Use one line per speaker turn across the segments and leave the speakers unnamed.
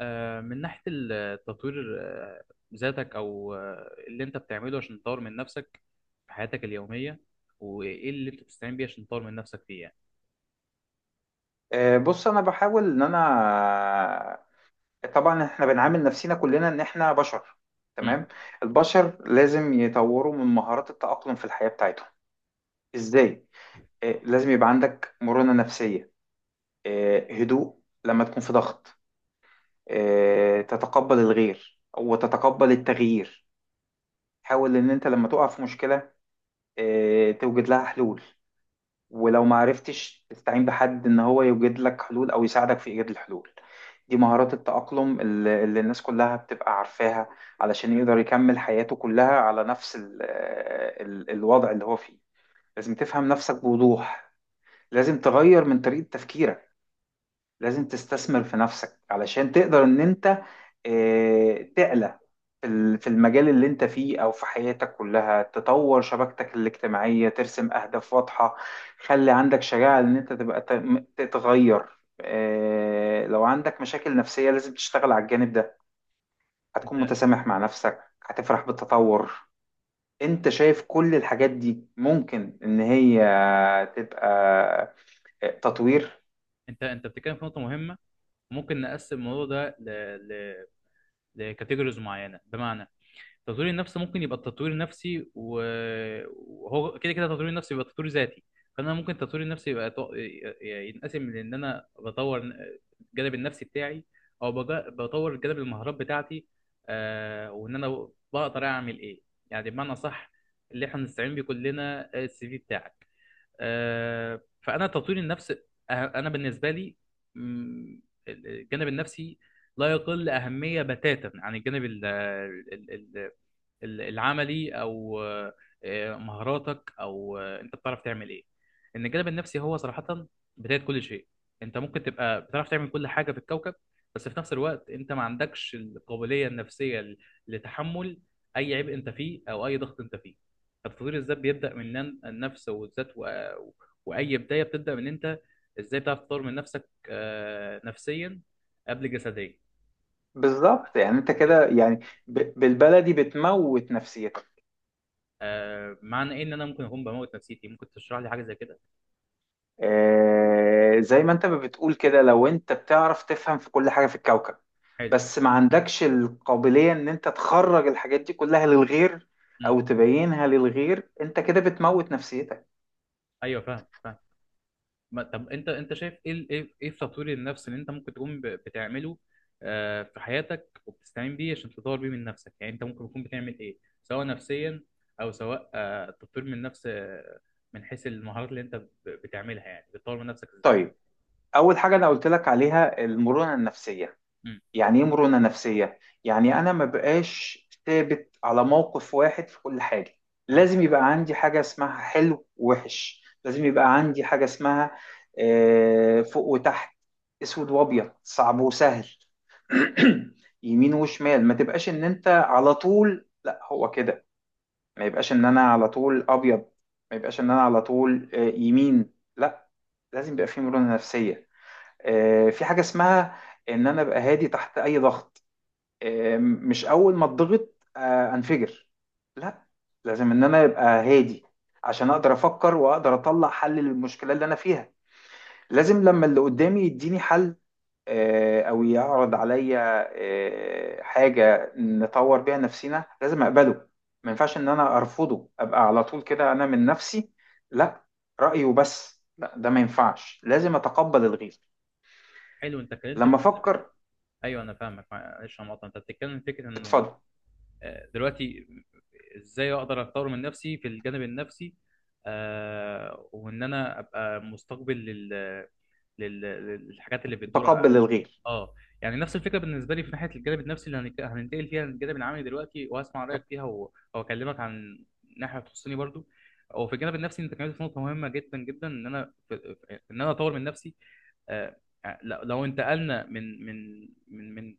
من ناحية التطوير ذاتك أو اللي أنت بتعمله عشان تطور من نفسك في حياتك اليومية، وإيه اللي أنت بتستعين بيه عشان تطور من نفسك فيه يعني.
بص، انا بحاول ان انا طبعا احنا بنعامل نفسنا كلنا ان احنا بشر.
مم.
تمام. البشر لازم يطوروا من مهارات التأقلم في الحياة بتاعتهم. ازاي؟ لازم يبقى عندك مرونة نفسية، هدوء لما تكون في ضغط، تتقبل الغير وتتقبل التغيير. حاول ان انت لما تقع في مشكلة توجد لها حلول، ولو ما عرفتش تستعين بحد ان هو يوجد لك حلول او يساعدك في ايجاد الحلول. دي مهارات التأقلم اللي الناس كلها بتبقى عارفاها علشان يقدر يكمل حياته كلها على نفس ال الوضع اللي هو فيه. لازم تفهم نفسك بوضوح، لازم تغير من طريقة تفكيرك، لازم تستثمر في نفسك علشان تقدر ان انت تعلى في المجال اللي انت فيه او في حياتك كلها، تطور شبكتك الاجتماعية، ترسم اهداف واضحة. خلي عندك شجاعة ان انت تبقى تتغير. لو عندك مشاكل نفسية لازم تشتغل على الجانب ده. هتكون
أنت
متسامح مع نفسك، هتفرح بالتطور. انت شايف كل الحاجات دي ممكن ان هي تبقى تطوير؟
أنت بتتكلم في نقطة مهمة. ممكن نقسم الموضوع ده ل... لكاتيجوريز معينة، بمعنى تطوير النفس ممكن يبقى التطوير النفسي وهو كده كده تطوير النفسي يبقى تطوير ذاتي. فانا ممكن التطوير النفسي يبقى ينقسم، لان انا بطور الجانب النفسي بتاعي، او بطور جانب المهارات بتاعتي. وان انا بقدر اعمل ايه، يعني بمعنى صح اللي احنا بنستعين بيه كلنا، السي في بتاعك. فانا تطوير النفس انا بالنسبه لي، مم، الجانب النفسي لا يقل اهميه بتاتا عن الجانب العملي، او مهاراتك، او انت بتعرف تعمل ايه. ان الجانب النفسي هو صراحة بداية كل شيء. انت ممكن تبقى بتعرف تعمل كل حاجة في الكوكب، بس في نفس الوقت انت ما عندكش القابلية النفسية لتحمل اي عبء انت فيه او اي ضغط انت فيه. فتطوير الذات بيبدأ من النفس والذات، واي بداية بتبدأ من انت، ازاي بتعرف تطور من نفسك نفسيا قبل جسديا.
بالظبط. يعني انت كده يعني بالبلدي بتموت نفسيتك.
معنى ايه ان انا ممكن اكون بموت نفسيتي؟ ممكن تشرح لي حاجة زي كده.
آه زي ما انت ما بتقول كده، لو انت بتعرف تفهم في كل حاجة في الكوكب
حلو.
بس ما عندكش القابلية ان انت تخرج الحاجات دي كلها للغير
امم.
او تبينها للغير، انت كده بتموت نفسيتك.
ايوه، فاهم فاهم. طب انت شايف ايه ايه في تطوير النفس اللي انت ممكن تكون بتعمله في حياتك، وبتستعين بيه عشان تطور بيه من نفسك؟ يعني انت ممكن تكون بتعمل ايه، سواء نفسيا او سواء تطوير من النفس من حيث المهارات اللي انت بتعملها؟ يعني بتطور من نفسك ازاي؟
طيب، اول حاجة انا قلت لك عليها المرونة النفسية.
امم.
يعني ايه مرونة نفسية؟ يعني أنا ما بقاش ثابت على موقف واحد في كل حاجة.
تمام.
لازم يبقى عندي حاجة اسمها حلو ووحش، لازم يبقى عندي حاجة اسمها فوق وتحت، أسود وأبيض، صعب وسهل، يمين وشمال. ما تبقاش إن أنت على طول لا هو كده، ما يبقاش إن أنا على طول أبيض، ما يبقاش إن أنا على طول يمين. لا، لازم يبقى في مرونة نفسية. في حاجة اسمها إن أنا أبقى هادي تحت أي ضغط، مش اول ما اتضغط انفجر. لا، لازم ان انا ابقى هادي عشان اقدر افكر واقدر اطلع حل للمشكله اللي انا فيها. لازم لما اللي قدامي يديني حل او يعرض عليا حاجه نطور بيها نفسنا، لازم اقبله. ما ينفعش ان انا ارفضه، ابقى على طول كده انا من نفسي، لا رايه بس، لا ده ما ينفعش، لازم اتقبل الغير
حلو.
لما افكر.
ايوه، انا فاهمك، معلش انا مقاطع. انت بتتكلم في فكره انه
اتفضل.
دلوقتي ازاي اقدر اطور من نفسي في الجانب النفسي، وان انا ابقى مستقبل لل... للحاجات اللي بتدور.
اتقبل الغير.
اه، يعني نفس الفكره بالنسبه لي في ناحيه الجانب النفسي، اللي هننتقل فيها للجانب العملي دلوقتي، وهسمع رايك فيها واكلمك عن ناحيه تخصني برضو. وفي الجانب النفسي انت اتكلمت في نقطه مهمه جدا جدا، ان انا ان انا اطور من نفسي. آه، لو لو انتقلنا من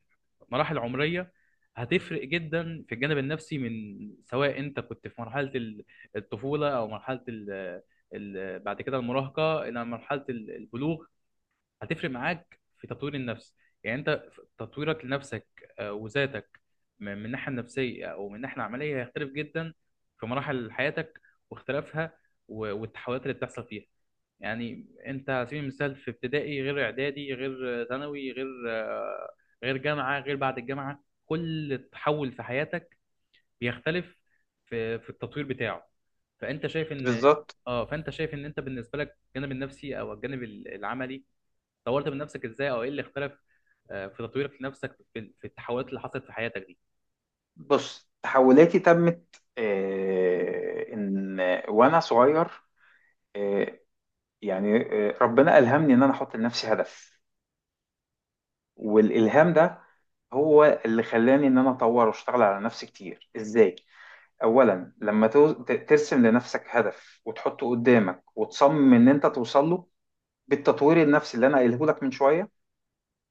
مراحل عمريه، هتفرق جدا في الجانب النفسي من، سواء انت كنت في مرحله الطفوله او مرحله ال ال بعد كده المراهقه الى مرحله البلوغ، هتفرق معاك في تطوير النفس. يعني انت في تطويرك لنفسك وذاتك، من الناحيه النفسيه او من الناحيه العمليه، هيختلف جدا في مراحل حياتك واختلافها والتحولات اللي بتحصل فيها. يعني انت على سبيل المثال في ابتدائي غير اعدادي غير ثانوي غير جامعه غير بعد الجامعه، كل تحول في حياتك بيختلف في التطوير بتاعه. فانت شايف ان،
بالظبط.
اه فانت شايف ان انت بالنسبه لك الجانب النفسي او الجانب العملي طورت من نفسك ازاي، او ايه اللي اختلف في تطويرك لنفسك في التحولات اللي حصلت في حياتك دي.
بص، تحولاتي تمت ان وانا صغير، آه، يعني ربنا الهمني ان انا احط لنفسي هدف، والالهام ده هو اللي خلاني ان انا اطور واشتغل على نفسي كتير. ازاي؟ اولا لما ترسم لنفسك هدف وتحطه قدامك وتصمم ان انت توصل له بالتطوير النفسي اللي انا قايله لك من شويه،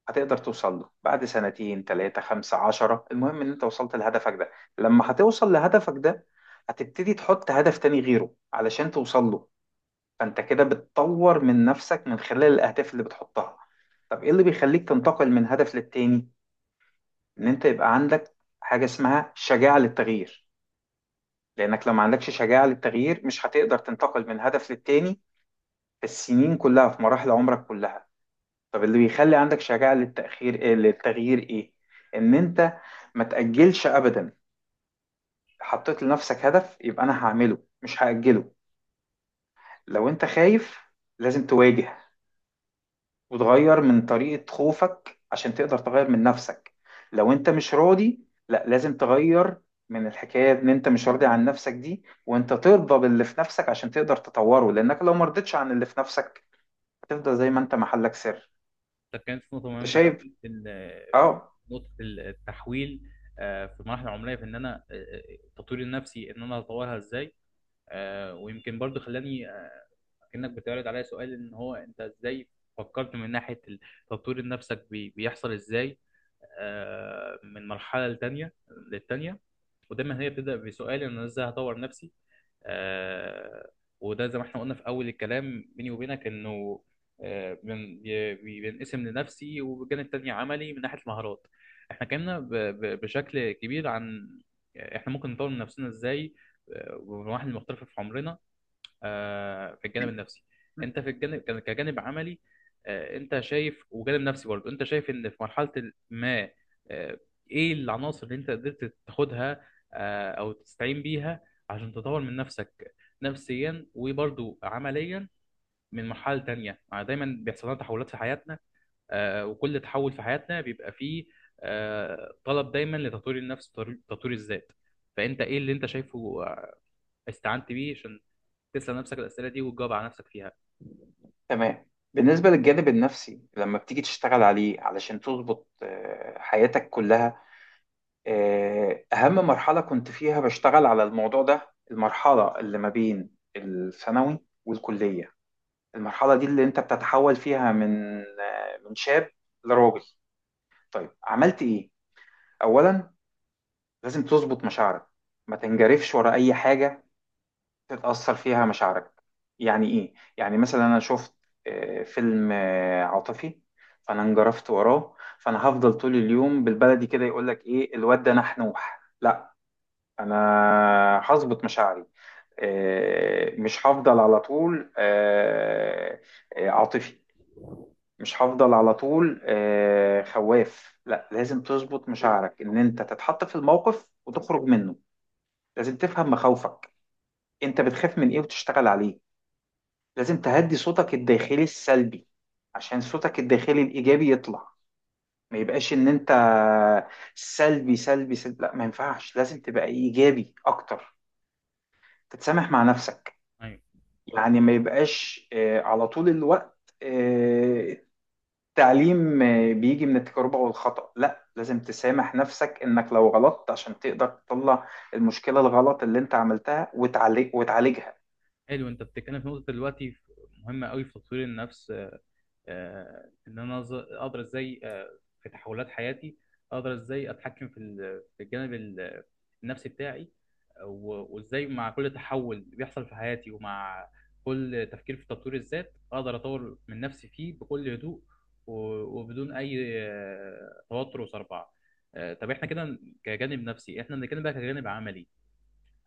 هتقدر توصل له بعد سنتين 3 15، المهم ان انت وصلت لهدفك ده. لما هتوصل لهدفك ده هتبتدي تحط هدف تاني غيره علشان توصل له. فانت كده بتطور من نفسك من خلال الاهداف اللي بتحطها. طب ايه اللي بيخليك تنتقل من هدف للتاني؟ ان انت يبقى عندك حاجة اسمها شجاعة للتغيير، لانك لو ما عندكش شجاعة للتغيير مش هتقدر تنتقل من هدف للتاني في السنين كلها في مراحل عمرك كلها. طب اللي بيخلي عندك شجاعة للتأخير إيه، للتغيير إيه؟ إن أنت ما تأجلش أبدا. حطيت لنفسك هدف يبقى أنا هعمله مش هأجله. لو أنت خايف لازم تواجه، وتغير من طريقة خوفك عشان تقدر تغير من نفسك. لو أنت مش راضي لا، لازم تغير من الحكاية إن أنت مش راضي عن نفسك دي، وأنت ترضى باللي في نفسك عشان تقدر تطوره، لأنك لو مرضتش عن اللي في نفسك هتفضل زي ما أنت محلك سر.
ده كانت نقطه
أنت
مهمه
شايف؟
قوي في
أه.
نقطه التحويل في المراحل العمريه، في ان انا تطويري النفسي ان انا اطورها ازاي. ويمكن برضو خلاني كأنك بتعرض عليا سؤال، ان هو انت ازاي فكرت من ناحية تطوير نفسك بيحصل ازاي من مرحلة لتانية للتانية. ودايما هي بتبدأ بسؤال ان انا ازاي هطور نفسي. آه، وده زي ما احنا قلنا في اول الكلام بيني وبينك، انه بينقسم لنفسي وبالجانب التاني عملي من ناحية المهارات. احنا اتكلمنا بشكل كبير عن احنا ممكن نطور من نفسنا ازاي ومراحل مختلفة في عمرنا في الجانب النفسي. انت في الجانب كجانب عملي انت شايف، وجانب نفسي برضه انت شايف ان في مرحلة ما آه، ايه العناصر اللي انت قدرت تاخدها او تستعين بيها عشان تطور من نفسك نفسيا وبرضه عمليا من مرحلة تانية؟ يعني دايما بيحصل لنا تحولات في حياتنا وكل تحول في حياتنا بيبقى فيه طلب دايما لتطوير النفس، وتطوير الذات. فانت ايه اللي انت شايفه استعنت بيه عشان تسأل نفسك الأسئلة دي وتجاوب على نفسك فيها؟
تمام، بالنسبة للجانب النفسي لما بتيجي تشتغل عليه علشان تظبط حياتك كلها، أهم مرحلة كنت فيها بشتغل على الموضوع ده المرحلة اللي ما بين الثانوي والكلية. المرحلة دي اللي أنت بتتحول فيها من من شاب لراجل. طيب عملت إيه؟ أولا لازم تظبط مشاعرك، ما تنجرفش ورا أي حاجة تتأثر فيها مشاعرك. يعني إيه؟ يعني مثلا أنا شفت فيلم عاطفي، فأنا انجرفت وراه، فأنا هفضل طول اليوم بالبلدي كده يقول لك إيه الواد ده نحنوح. لا، أنا هظبط مشاعري. مش هفضل على طول عاطفي، مش هفضل على طول خواف. لا، لازم تظبط مشاعرك إن أنت تتحط في الموقف وتخرج منه. لازم تفهم مخاوفك، أنت بتخاف من إيه، وتشتغل عليه. لازم تهدي صوتك الداخلي السلبي عشان صوتك الداخلي الإيجابي يطلع. ما يبقاش إن أنت سلبي سلبي سلبي، لا ما ينفعش، لازم تبقى إيجابي أكتر. تتسامح مع نفسك.
ايوه.
يعني ما يبقاش على طول الوقت التعليم بيجي من التجربة والخطأ، لا لازم تسامح نفسك إنك لو غلطت عشان تقدر تطلع المشكلة الغلط اللي أنت عملتها وتعالج وتعالجها.
حلو، انت بتتكلم في نقطة دلوقتي مهمة قوي في تطوير النفس. ان انا اقدر ازاي في تحولات حياتي، اقدر ازاي اتحكم في الجانب النفسي بتاعي، وازاي مع كل تحول بيحصل في حياتي، ومع كل تفكير في تطوير الذات، اقدر اطور من نفسي فيه بكل هدوء وبدون اي توتر وصربعة. طب احنا كده كجانب نفسي، احنا بنتكلم بقى كجانب عملي،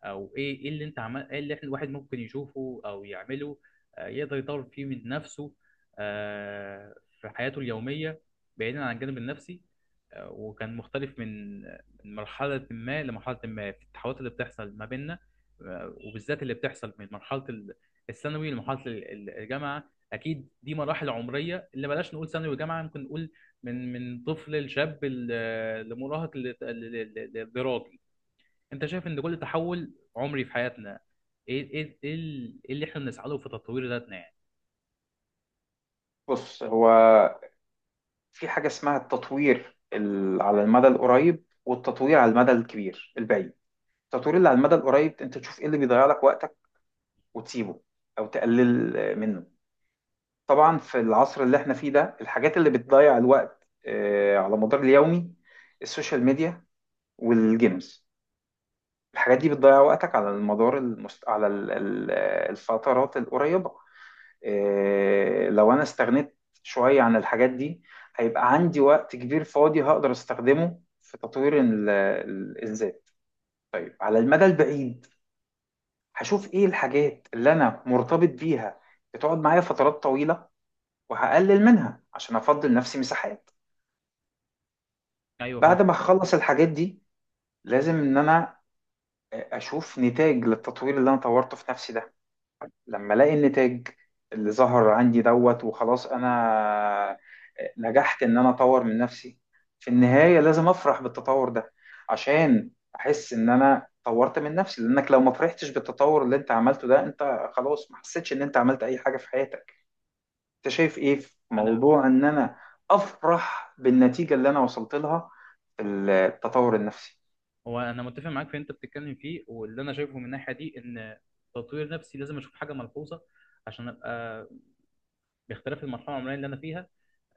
او ايه اللي احنا الواحد ممكن يشوفه او يعمله يقدر يطور فيه من نفسه آه، في حياته اليومية بعيدا عن الجانب النفسي، وكان مختلف من مرحلة ما لمرحلة ما في التحولات اللي بتحصل ما بيننا، وبالذات اللي بتحصل من مرحلة الثانوي لمرحلة الجامعة. أكيد دي مراحل عمرية، اللي بلاش نقول ثانوي وجامعة، ممكن نقول من طفل لشاب لمراهق للدراج. انت شايف ان كل تحول عمري في حياتنا إيه اللي احنا بنسعى له في تطوير ذاتنا يعني؟
بص هو في حاجة اسمها التطوير على المدى القريب، والتطوير على المدى الكبير البعيد. التطوير اللي على المدى القريب، انت تشوف ايه اللي بيضيع لك وقتك وتسيبه او تقلل منه. طبعا في العصر اللي احنا فيه ده الحاجات اللي بتضيع الوقت على مدار اليومي السوشيال ميديا والجيمز. الحاجات دي بتضيع وقتك على المدار المست... على ال- ال- آه، الفترات القريبة. إيه، لو انا استغنيت شوية عن الحاجات دي هيبقى عندي وقت كبير فاضي هقدر استخدمه في تطوير الذات. طيب على المدى البعيد هشوف ايه الحاجات اللي انا مرتبط بيها بتقعد معايا فترات طويلة وهقلل منها عشان افضل نفسي مساحات.
ايوه، فاهم.
بعد ما اخلص الحاجات دي لازم ان انا اشوف نتاج للتطوير اللي انا طورته في نفسي ده. لما الاقي النتاج اللي ظهر عندي دوت وخلاص، انا نجحت ان انا اطور من نفسي. في النهاية لازم افرح بالتطور ده عشان احس ان انا طورت من نفسي، لانك لو ما فرحتش بالتطور اللي انت عملته ده انت خلاص ما حسيتش ان انت عملت اي حاجة في حياتك. انت شايف ايه في
انا
موضوع ان انا افرح بالنتيجة اللي انا وصلت لها في التطور النفسي؟
هو انا متفق معاك في اللي انت بتتكلم فيه، واللي انا شايفه من الناحيه دي، ان تطوير نفسي لازم اشوف حاجه ملحوظه عشان ابقى باختلاف المرحله العمريه اللي انا فيها.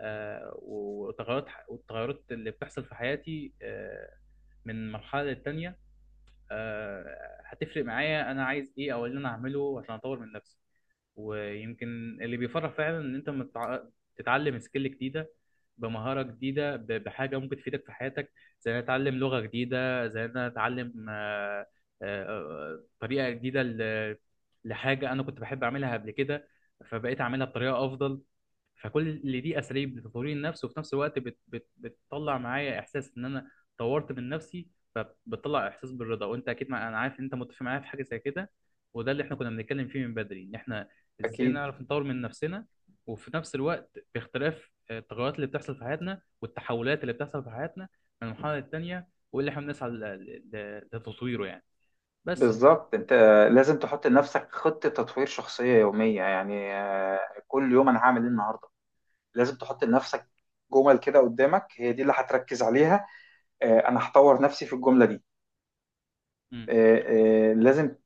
وتغيرات، والتغيرات اللي بتحصل في حياتي من مرحله للتانيه، هتفرق معايا انا عايز ايه، او إيه اللي انا اعمله عشان اطور من نفسي. ويمكن اللي بيفرح فعلا ان انت تتعلم سكيل جديده، بمهاره جديده، بحاجه ممكن تفيدك في حياتك. زي ان أنا اتعلم لغه جديده، زي ان أنا اتعلم طريقه جديده لحاجه انا كنت بحب اعملها قبل كده، فبقيت اعملها بطريقه افضل. فكل اللي دي اساليب لتطوير النفس، وفي نفس الوقت بت بت بتطلع معايا احساس ان انا طورت من نفسي، فبتطلع احساس بالرضا. وانت اكيد مع... انا عارف ان انت متفق معايا في حاجه زي كده. وده اللي احنا كنا بنتكلم فيه من بدري، ان احنا ازاي
اكيد.
نعرف نطور من نفسنا، وفي نفس الوقت باختلاف التغيرات اللي بتحصل في حياتنا، والتحولات اللي بتحصل في حياتنا من المرحله للتانيه، واللي احنا بنسعى لتطويره يعني. بس
بالظبط، انت لازم تحط لنفسك خطة تطوير شخصية يومية، يعني كل يوم انا هعمل ايه النهاردة. لازم تحط لنفسك جمل كده قدامك هي دي اللي هتركز عليها. انا هطور نفسي في الجملة دي.
م-
لازم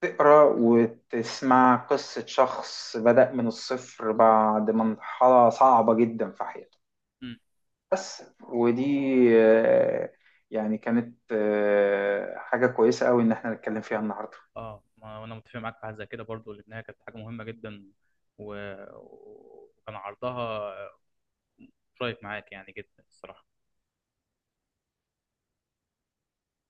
تقرأ وتسمع قصة شخص بدأ من الصفر بعد مرحلة صعبة جدا في حياته.
م.
بس ودي آه، يعني كانت حاجة كويسة قوي ان احنا نتكلم فيها النهاردة.
اه، ما انا متفق معاك في حاجه زي كده برضو، لانها كانت حاجه مهمه جدا و... وكان عرضها شايف معاك يعني جدا الصراحه.